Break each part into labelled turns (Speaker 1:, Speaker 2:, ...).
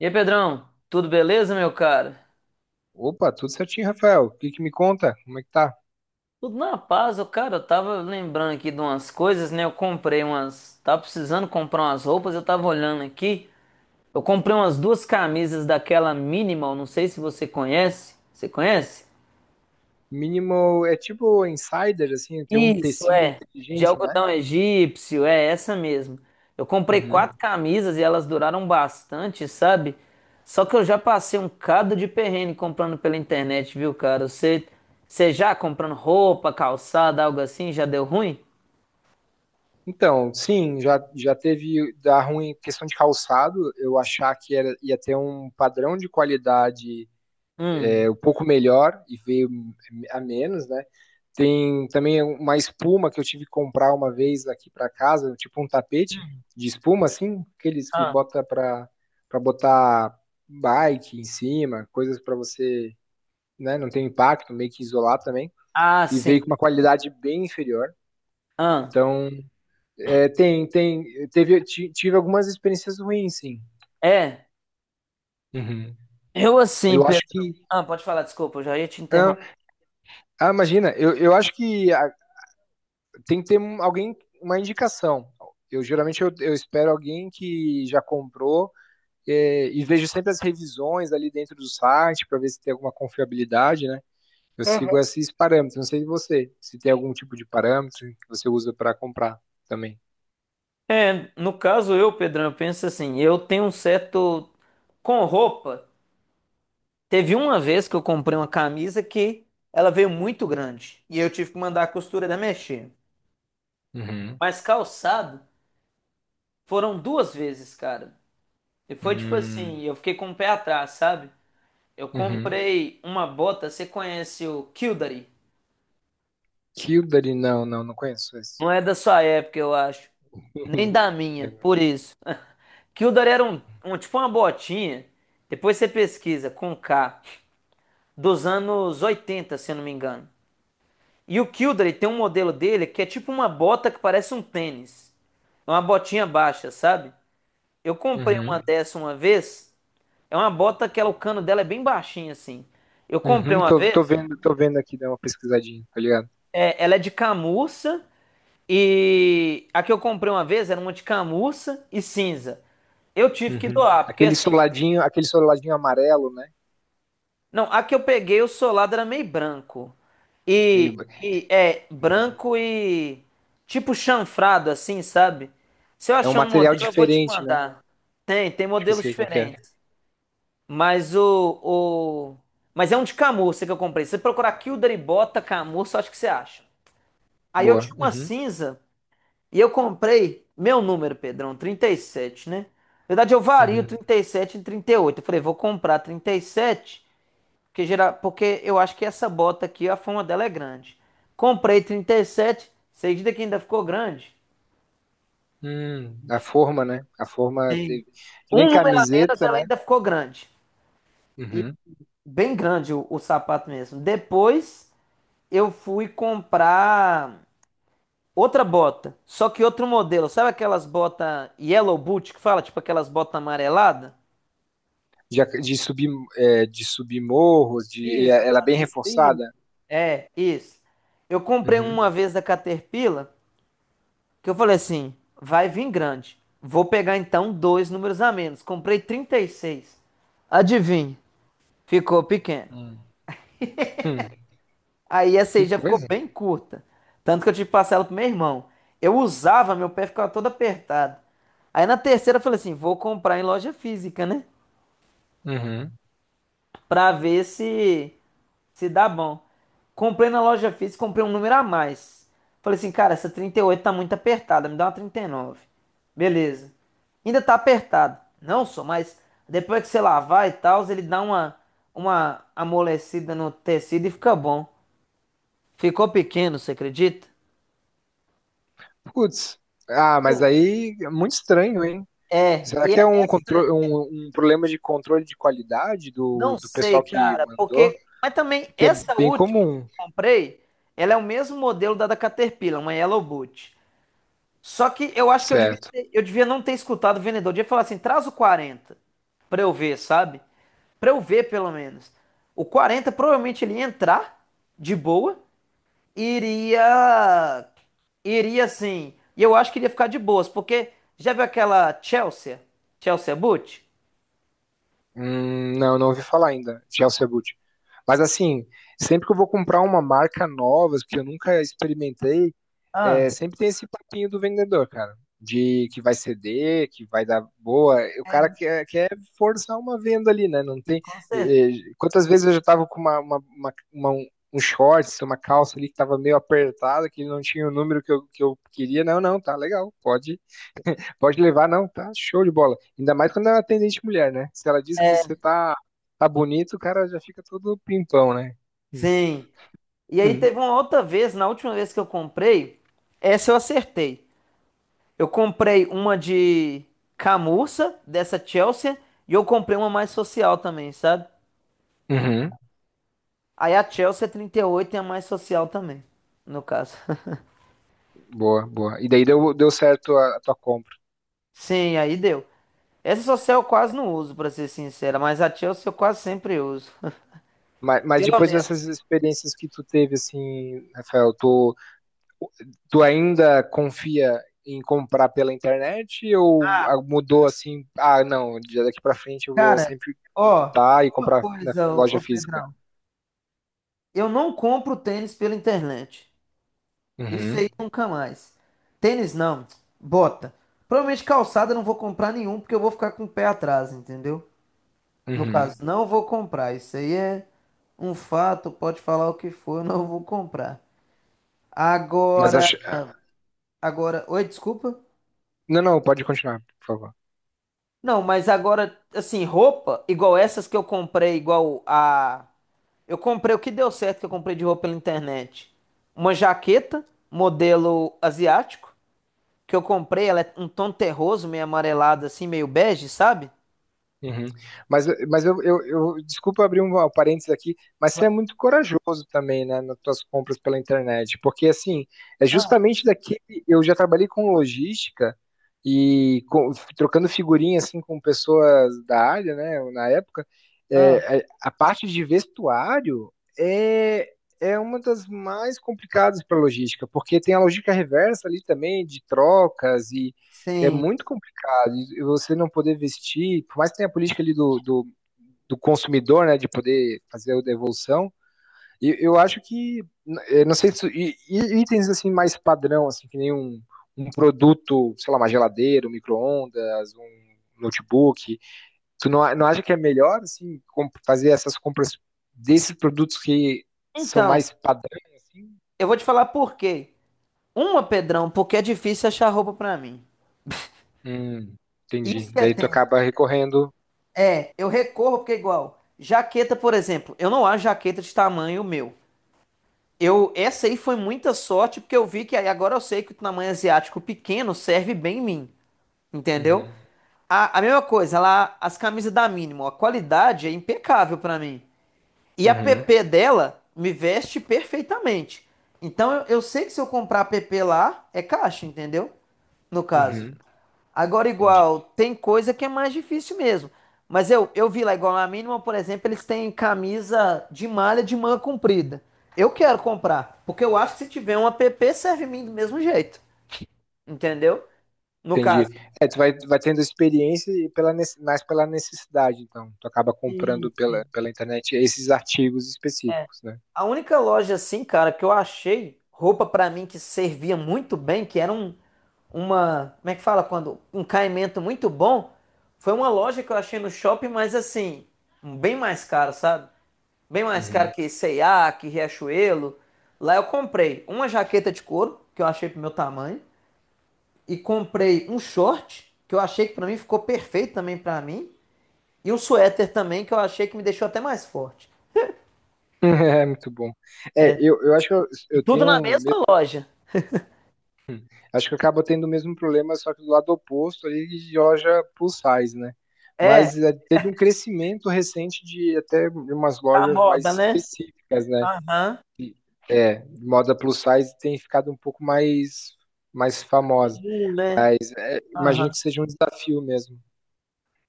Speaker 1: E aí, Pedrão, tudo beleza, meu cara?
Speaker 2: Opa, tudo certinho, Rafael. O que que me conta? Como é que tá?
Speaker 1: Tudo na paz, ô cara, eu tava lembrando aqui de umas coisas, né? Eu comprei umas. Tava precisando comprar umas roupas, eu tava olhando aqui. Eu comprei umas duas camisas daquela Minimal, não sei se você conhece. Você conhece?
Speaker 2: Minimal é tipo insider, assim, tem um
Speaker 1: Isso,
Speaker 2: tecido
Speaker 1: é. De
Speaker 2: inteligente, né?
Speaker 1: algodão egípcio, é essa mesmo. Eu comprei
Speaker 2: Uhum.
Speaker 1: quatro camisas e elas duraram bastante, sabe? Só que eu já passei um cado de perrengue comprando pela internet, viu, cara? Você já comprando roupa, calçada, algo assim, já deu ruim?
Speaker 2: Então, sim, já teve dar ruim em questão de calçado, eu achar que era, ia ter um padrão de qualidade
Speaker 1: Hum.
Speaker 2: é um pouco melhor e veio a menos, né? Tem também uma espuma que eu tive que comprar uma vez aqui para casa, tipo um tapete de espuma, assim, aqueles que
Speaker 1: Ah,
Speaker 2: bota para botar bike em cima, coisas para você, né, não ter impacto, meio que isolar também.
Speaker 1: ah,
Speaker 2: E
Speaker 1: sim.
Speaker 2: veio com uma qualidade bem inferior.
Speaker 1: Ah,
Speaker 2: Então, é, tive algumas experiências ruins, sim.
Speaker 1: é.
Speaker 2: Uhum.
Speaker 1: Eu assim,
Speaker 2: Eu acho
Speaker 1: Pedro.
Speaker 2: que.
Speaker 1: Ah, pode falar, desculpa, eu já ia te
Speaker 2: Ah,
Speaker 1: interromper.
Speaker 2: ah, imagina, eu acho que tem que ter alguém, uma indicação. Eu geralmente eu espero alguém que já comprou é, e vejo sempre as revisões ali dentro do site para ver se tem alguma confiabilidade, né? Eu sigo esses parâmetros. Não sei de você, se tem algum tipo de parâmetro que você usa para comprar também.
Speaker 1: É, no caso eu, Pedrão, eu penso assim, eu tenho um certo com roupa. Teve uma vez que eu comprei uma camisa que ela veio muito grande e eu tive que mandar a costureira mexer.
Speaker 2: Uhum.
Speaker 1: Mas calçado foram duas vezes, cara. E foi tipo
Speaker 2: Hum.
Speaker 1: assim, eu fiquei com o pé atrás, sabe? Eu
Speaker 2: Uhum.
Speaker 1: comprei uma bota, você conhece o Kildare?
Speaker 2: Kildare, não, não, não conheço esse.
Speaker 1: Não é da sua época, eu acho. Nem da minha, por isso. Kildare era um tipo uma botinha. Depois você pesquisa com K, dos anos 80, se eu não me engano. E o Kildare tem um modelo dele que é tipo uma bota que parece um tênis. É uma botinha baixa, sabe? Eu comprei uma
Speaker 2: Uhum.
Speaker 1: dessa uma vez. É uma bota que ela, o cano dela é bem baixinho assim. Eu comprei
Speaker 2: Uhum.
Speaker 1: uma
Speaker 2: Tô, tô
Speaker 1: vez,
Speaker 2: vendo, tô vendo aqui, dá uma pesquisadinha, tá ligado?
Speaker 1: é, ela é de camurça e a que eu comprei uma vez era uma de camurça e cinza. Eu tive que
Speaker 2: Uhum.
Speaker 1: doar, porque
Speaker 2: Aquele
Speaker 1: assim,
Speaker 2: soladinho, aquele soladinho amarelo, né?
Speaker 1: não, a que eu peguei, o solado era meio branco.
Speaker 2: Meio,
Speaker 1: E é
Speaker 2: Uhum.
Speaker 1: branco e tipo chanfrado, assim, sabe? Se eu
Speaker 2: É um
Speaker 1: achar um
Speaker 2: material
Speaker 1: modelo, eu vou te
Speaker 2: diferente, né?
Speaker 1: mandar. Tem
Speaker 2: Acho que eu
Speaker 1: modelos
Speaker 2: sei qual que é.
Speaker 1: diferentes. Mas o, o... Mas é um de camurça que eu comprei. Se você procurar Kilder e Bota camurça, acho que você acha. Aí eu
Speaker 2: Boa.
Speaker 1: tinha uma
Speaker 2: Uhum.
Speaker 1: cinza e eu comprei meu número, Pedrão, 37, né? Na verdade, eu vario
Speaker 2: Uhum.
Speaker 1: 37 e 38. Eu falei, vou comprar 37. Porque, geral, porque eu acho que essa bota aqui, a fama dela é grande. Comprei 37, você acredita que ainda ficou grande?
Speaker 2: A forma, né? A forma teve... que nem
Speaker 1: Um número a menos,
Speaker 2: camiseta,
Speaker 1: ela
Speaker 2: né?
Speaker 1: ainda ficou grande. E
Speaker 2: Uhum.
Speaker 1: bem grande o sapato mesmo. Depois eu fui comprar outra bota, só que outro modelo. Sabe aquelas botas yellow boot que fala? Tipo aquelas botas amareladas?
Speaker 2: De subir, de subir morros,
Speaker 1: Isso,
Speaker 2: ela é bem
Speaker 1: fazer trilha.
Speaker 2: reforçada.
Speaker 1: É, isso. Eu comprei uma
Speaker 2: Uhum.
Speaker 1: vez da Caterpillar. Que eu falei assim, vai vir grande. Vou pegar então dois números a menos. Comprei 36. Adivinha, ficou pequeno.
Speaker 2: Hum. Hum.
Speaker 1: Aí essa aí
Speaker 2: Que
Speaker 1: já ficou
Speaker 2: coisa.
Speaker 1: bem curta. Tanto que eu tive que passar ela pro meu irmão. Eu usava, meu pé ficava todo apertado. Aí na terceira eu falei assim, vou comprar em loja física, né?
Speaker 2: Uhum.
Speaker 1: Pra ver se dá bom. Comprei na loja física, comprei um número a mais. Falei assim, cara, essa 38 tá muito apertada, me dá uma 39. Beleza. Ainda tá apertado. Não só, mas depois que você lavar e tal, ele dá uma amolecida no tecido e fica bom. Ficou pequeno, você acredita?
Speaker 2: Putz. Ah, mas
Speaker 1: Pô,
Speaker 2: aí é muito estranho, hein?
Speaker 1: é,
Speaker 2: Será
Speaker 1: e
Speaker 2: que
Speaker 1: é
Speaker 2: é um,
Speaker 1: essa,
Speaker 2: contro- um, um problema de controle de qualidade do,
Speaker 1: não
Speaker 2: do
Speaker 1: sei,
Speaker 2: pessoal que
Speaker 1: cara,
Speaker 2: mandou?
Speaker 1: porque. Mas também,
Speaker 2: Que é
Speaker 1: essa
Speaker 2: bem
Speaker 1: última que
Speaker 2: comum,
Speaker 1: eu comprei, ela é o mesmo modelo da Caterpillar, uma Yellow Boot. Só que eu acho que
Speaker 2: certo?
Speaker 1: eu devia não ter escutado o vendedor. Eu devia falar assim, traz o 40 pra eu ver, sabe? Pra eu ver, pelo menos. O 40 provavelmente ele ia entrar de boa e iria... Iria, assim... E eu acho que iria ficar de boas, porque... Já viu aquela Chelsea? Chelsea Boot?
Speaker 2: Não, não ouvi falar ainda de Elcia Boot. Mas assim, sempre que eu vou comprar uma marca nova, que eu nunca experimentei,
Speaker 1: Ah,
Speaker 2: é, sempre tem esse papinho do vendedor, cara. De que vai ceder, que vai dar boa. E o cara
Speaker 1: é,
Speaker 2: quer forçar uma venda ali, né? Não
Speaker 1: sim,
Speaker 2: tem.
Speaker 1: com certeza.
Speaker 2: eh, Quantas vezes eu já tava com um shorts, uma calça ali que tava meio apertada, que não tinha o número que eu queria. Não, não, tá legal, pode. Pode levar, não, tá show de bola. Ainda mais quando é uma atendente mulher, né? Se ela diz que você tá bonito, o cara já fica todo pimpão, né? Hum,
Speaker 1: Sim. E aí
Speaker 2: hum,
Speaker 1: teve uma outra vez, na última vez que eu comprei, essa eu acertei. Eu comprei uma de camurça, dessa Chelsea, e eu comprei uma mais social também, sabe?
Speaker 2: Uhum.
Speaker 1: Aí a Chelsea é 38, é a mais social também, no caso.
Speaker 2: Boa, boa. E daí deu certo a tua compra.
Speaker 1: Sim, aí deu. Essa social eu quase não uso, pra ser sincera, mas a Chelsea eu quase sempre uso.
Speaker 2: Mas, mas
Speaker 1: Pelo
Speaker 2: depois
Speaker 1: menos.
Speaker 2: dessas experiências que tu teve, assim, Rafael, tu ainda confia em comprar pela internet ou mudou assim? Ah, não, de daqui pra frente eu vou
Speaker 1: Cara,
Speaker 2: sempre
Speaker 1: ó,
Speaker 2: evitar e
Speaker 1: uma
Speaker 2: comprar na
Speaker 1: coisa, ô,
Speaker 2: loja
Speaker 1: ô
Speaker 2: física.
Speaker 1: Pedrão. Eu não compro tênis pela internet. Isso
Speaker 2: Uhum,
Speaker 1: aí nunca mais. Tênis não, bota. Provavelmente calçada eu não vou comprar nenhum, porque eu vou ficar com o pé atrás, entendeu? No
Speaker 2: uhum.
Speaker 1: caso, não vou comprar. Isso aí é um fato, pode falar o que for, eu não vou comprar.
Speaker 2: Mas
Speaker 1: Agora,
Speaker 2: acho.
Speaker 1: agora, oi, desculpa.
Speaker 2: Não, não, pode continuar, por favor.
Speaker 1: Não, mas agora, assim, roupa, igual essas que eu comprei, igual a. Eu comprei o que deu certo que eu comprei de roupa pela internet. Uma jaqueta, modelo asiático, que eu comprei, ela é um tom terroso, meio amarelado, assim, meio bege, sabe?
Speaker 2: Uhum. Mas desculpa abrir um parênteses aqui, mas você é muito corajoso também, né, nas suas compras pela internet, porque assim, é
Speaker 1: Ah,
Speaker 2: justamente daqui eu já trabalhei com logística e trocando figurinha assim com pessoas da área, né, na época,
Speaker 1: ah,
Speaker 2: é, a parte de vestuário é é uma das mais complicadas para logística, porque tem a logística reversa ali também de trocas e é
Speaker 1: sim.
Speaker 2: muito e você não poder vestir, por mais que tenha a política ali do consumidor, né, de poder fazer a devolução, eu acho que, eu não sei, se, e itens assim mais padrão, assim, que nem um produto, sei lá, uma geladeira, um micro-ondas, um notebook, tu não, não acha que é melhor, assim, fazer essas compras desses produtos que são
Speaker 1: Então,
Speaker 2: mais padrão, assim?
Speaker 1: eu vou te falar por quê. Uma, Pedrão, porque é difícil achar roupa pra mim.
Speaker 2: Hum, entendi.
Speaker 1: Isso que é
Speaker 2: Daí tu
Speaker 1: tenso.
Speaker 2: acaba recorrendo.
Speaker 1: É, eu recorro porque é igual. Jaqueta, por exemplo, eu não acho jaqueta de tamanho meu. Eu, essa aí foi muita sorte porque eu vi que aí agora eu sei que o tamanho asiático pequeno serve bem em mim, entendeu?
Speaker 2: Uhum,
Speaker 1: A mesma coisa, lá as camisas da Mínimo, a qualidade é impecável pra mim. E a
Speaker 2: uhum,
Speaker 1: PP dela me veste perfeitamente. Então eu sei que se eu comprar a PP lá, é caixa, entendeu? No caso.
Speaker 2: uhum,
Speaker 1: Agora,
Speaker 2: entendi.
Speaker 1: igual, tem coisa que é mais difícil mesmo. Mas eu vi lá, igual na mínima, por exemplo, eles têm camisa de malha de manga comprida. Eu quero comprar, porque eu acho que se tiver um app, serve em mim do mesmo jeito. Entendeu? No
Speaker 2: Entendi.
Speaker 1: caso,
Speaker 2: É, tu vai tendo experiência e mais pela necessidade, então. Tu acaba
Speaker 1: sim,
Speaker 2: comprando pela,
Speaker 1: sim.
Speaker 2: pela internet esses artigos específicos, né?
Speaker 1: A única loja assim, cara, que eu achei roupa pra mim que servia muito bem, que era um, uma, como é que fala quando, um caimento muito bom, foi uma loja que eu achei no shopping, mas assim, bem mais caro, sabe? Bem mais caro
Speaker 2: Uhum.
Speaker 1: que C&A, que Riachuelo. Lá eu comprei uma jaqueta de couro, que eu achei pro meu tamanho, e comprei um short, que eu achei que pra mim ficou perfeito também pra mim, e um suéter também, que eu achei que me deixou até mais forte.
Speaker 2: É muito bom. É, eu acho que eu,
Speaker 1: E
Speaker 2: eu
Speaker 1: tudo
Speaker 2: tenho.
Speaker 1: na mesma loja.
Speaker 2: Acho que eu acabo tendo o mesmo problema, só que do lado oposto ali de loja plus size, né?
Speaker 1: É,
Speaker 2: Mas é, teve um crescimento recente de até umas
Speaker 1: tá
Speaker 2: lojas mais
Speaker 1: moda, né?
Speaker 2: específicas, né?
Speaker 1: Aham.
Speaker 2: É, moda plus size tem ficado um pouco mais famosa.
Speaker 1: Né?
Speaker 2: Imagino
Speaker 1: Aham.
Speaker 2: que seja um desafio mesmo.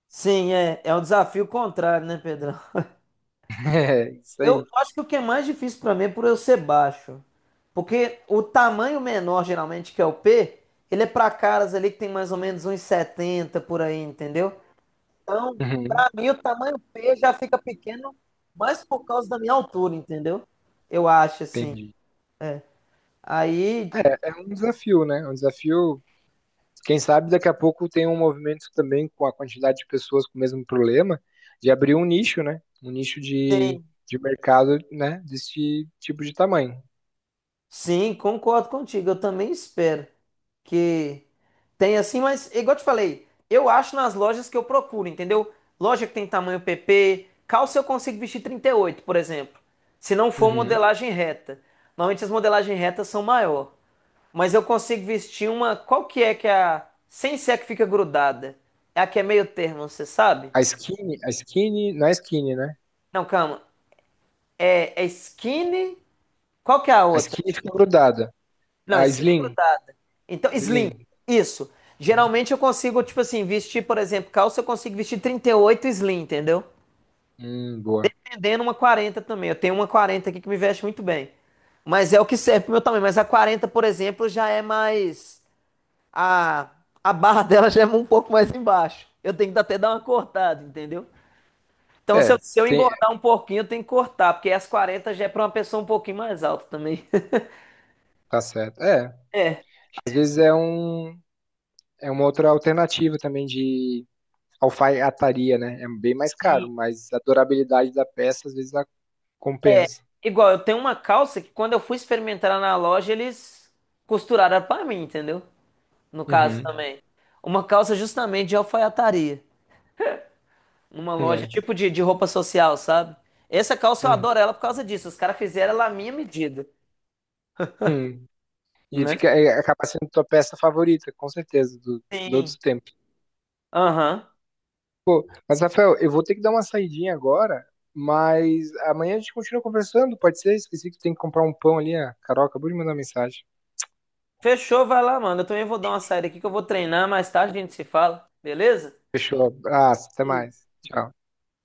Speaker 1: Sim, é um desafio contrário, né, Pedrão?
Speaker 2: É, isso
Speaker 1: Eu
Speaker 2: aí.
Speaker 1: acho que o que é mais difícil pra mim é por eu ser baixo. Porque o tamanho menor, geralmente, que é o P, ele é pra caras ali que tem mais ou menos uns 70 por aí, entendeu? Então,
Speaker 2: Uhum,
Speaker 1: pra mim, o tamanho P já fica pequeno mais por causa da minha altura, entendeu? Eu acho, assim.
Speaker 2: entendi.
Speaker 1: Aí,
Speaker 2: É, é um desafio, né? É um desafio. Quem sabe daqui a pouco tem um movimento também com a quantidade de pessoas com o mesmo problema, de abrir um nicho, né? Um nicho de mercado, né? Desse tipo de tamanho.
Speaker 1: sim, concordo contigo. Eu também espero que tenha assim, mas igual eu te falei, eu acho nas lojas que eu procuro, entendeu? Loja que tem tamanho PP, calça eu consigo vestir 38 por exemplo. Se não for
Speaker 2: Uhum.
Speaker 1: modelagem reta. Normalmente as modelagens retas são maior, mas eu consigo vestir uma, qual que é a sem ser a que fica grudada? É a que é meio termo, você sabe?
Speaker 2: A skinny, não é skinny, né?
Speaker 1: Não, calma. É skinny. Qual que é a
Speaker 2: A
Speaker 1: outra?
Speaker 2: skinny fica grudada.
Speaker 1: Não,
Speaker 2: A
Speaker 1: skinny é
Speaker 2: slim,
Speaker 1: grudada. Então, slim,
Speaker 2: slim.
Speaker 1: isso.
Speaker 2: Uhum.
Speaker 1: Geralmente eu consigo, tipo assim, vestir, por exemplo, calça, eu consigo vestir 38 slim, entendeu?
Speaker 2: Boa.
Speaker 1: Tendendo uma 40 também. Eu tenho uma 40 aqui que me veste muito bem. Mas é o que serve pro meu tamanho. Mas a 40, por exemplo, já é mais. A, a barra dela já é um pouco mais embaixo. Eu tenho que até dar uma cortada, entendeu? Então, se
Speaker 2: É,
Speaker 1: eu, se eu
Speaker 2: tem,
Speaker 1: engordar um pouquinho, eu tenho que cortar, porque as 40 já é pra uma pessoa um pouquinho mais alta também.
Speaker 2: tá certo. É,
Speaker 1: É.
Speaker 2: às vezes é uma outra alternativa também de alfaiataria, né? É bem mais caro, mas a durabilidade da peça às vezes ela
Speaker 1: É,
Speaker 2: compensa.
Speaker 1: igual, eu tenho uma calça que quando eu fui experimentar na loja, eles costuraram pra mim, entendeu? No caso
Speaker 2: Uhum.
Speaker 1: também. Uma calça justamente de alfaiataria. Numa loja
Speaker 2: É.
Speaker 1: tipo de roupa social, sabe? Essa calça eu
Speaker 2: Uhum.
Speaker 1: adoro ela por causa disso. Os caras fizeram ela à minha medida,
Speaker 2: Uhum. E
Speaker 1: né?
Speaker 2: fica, é, acaba sendo tua peça favorita, com certeza, do, de todos
Speaker 1: Sim.
Speaker 2: os tempos.
Speaker 1: Aham.
Speaker 2: Pô, mas, Rafael, eu vou ter que dar uma saidinha agora, mas amanhã a gente continua conversando, pode ser? Esqueci que tem que comprar um pão ali, a Carol acabou de mandar mensagem.
Speaker 1: Fechou, vai lá, mano. Eu também vou dar uma saída aqui que eu vou treinar. Mais tarde a gente se fala, beleza?
Speaker 2: Fechou. Ah, até mais. Tchau.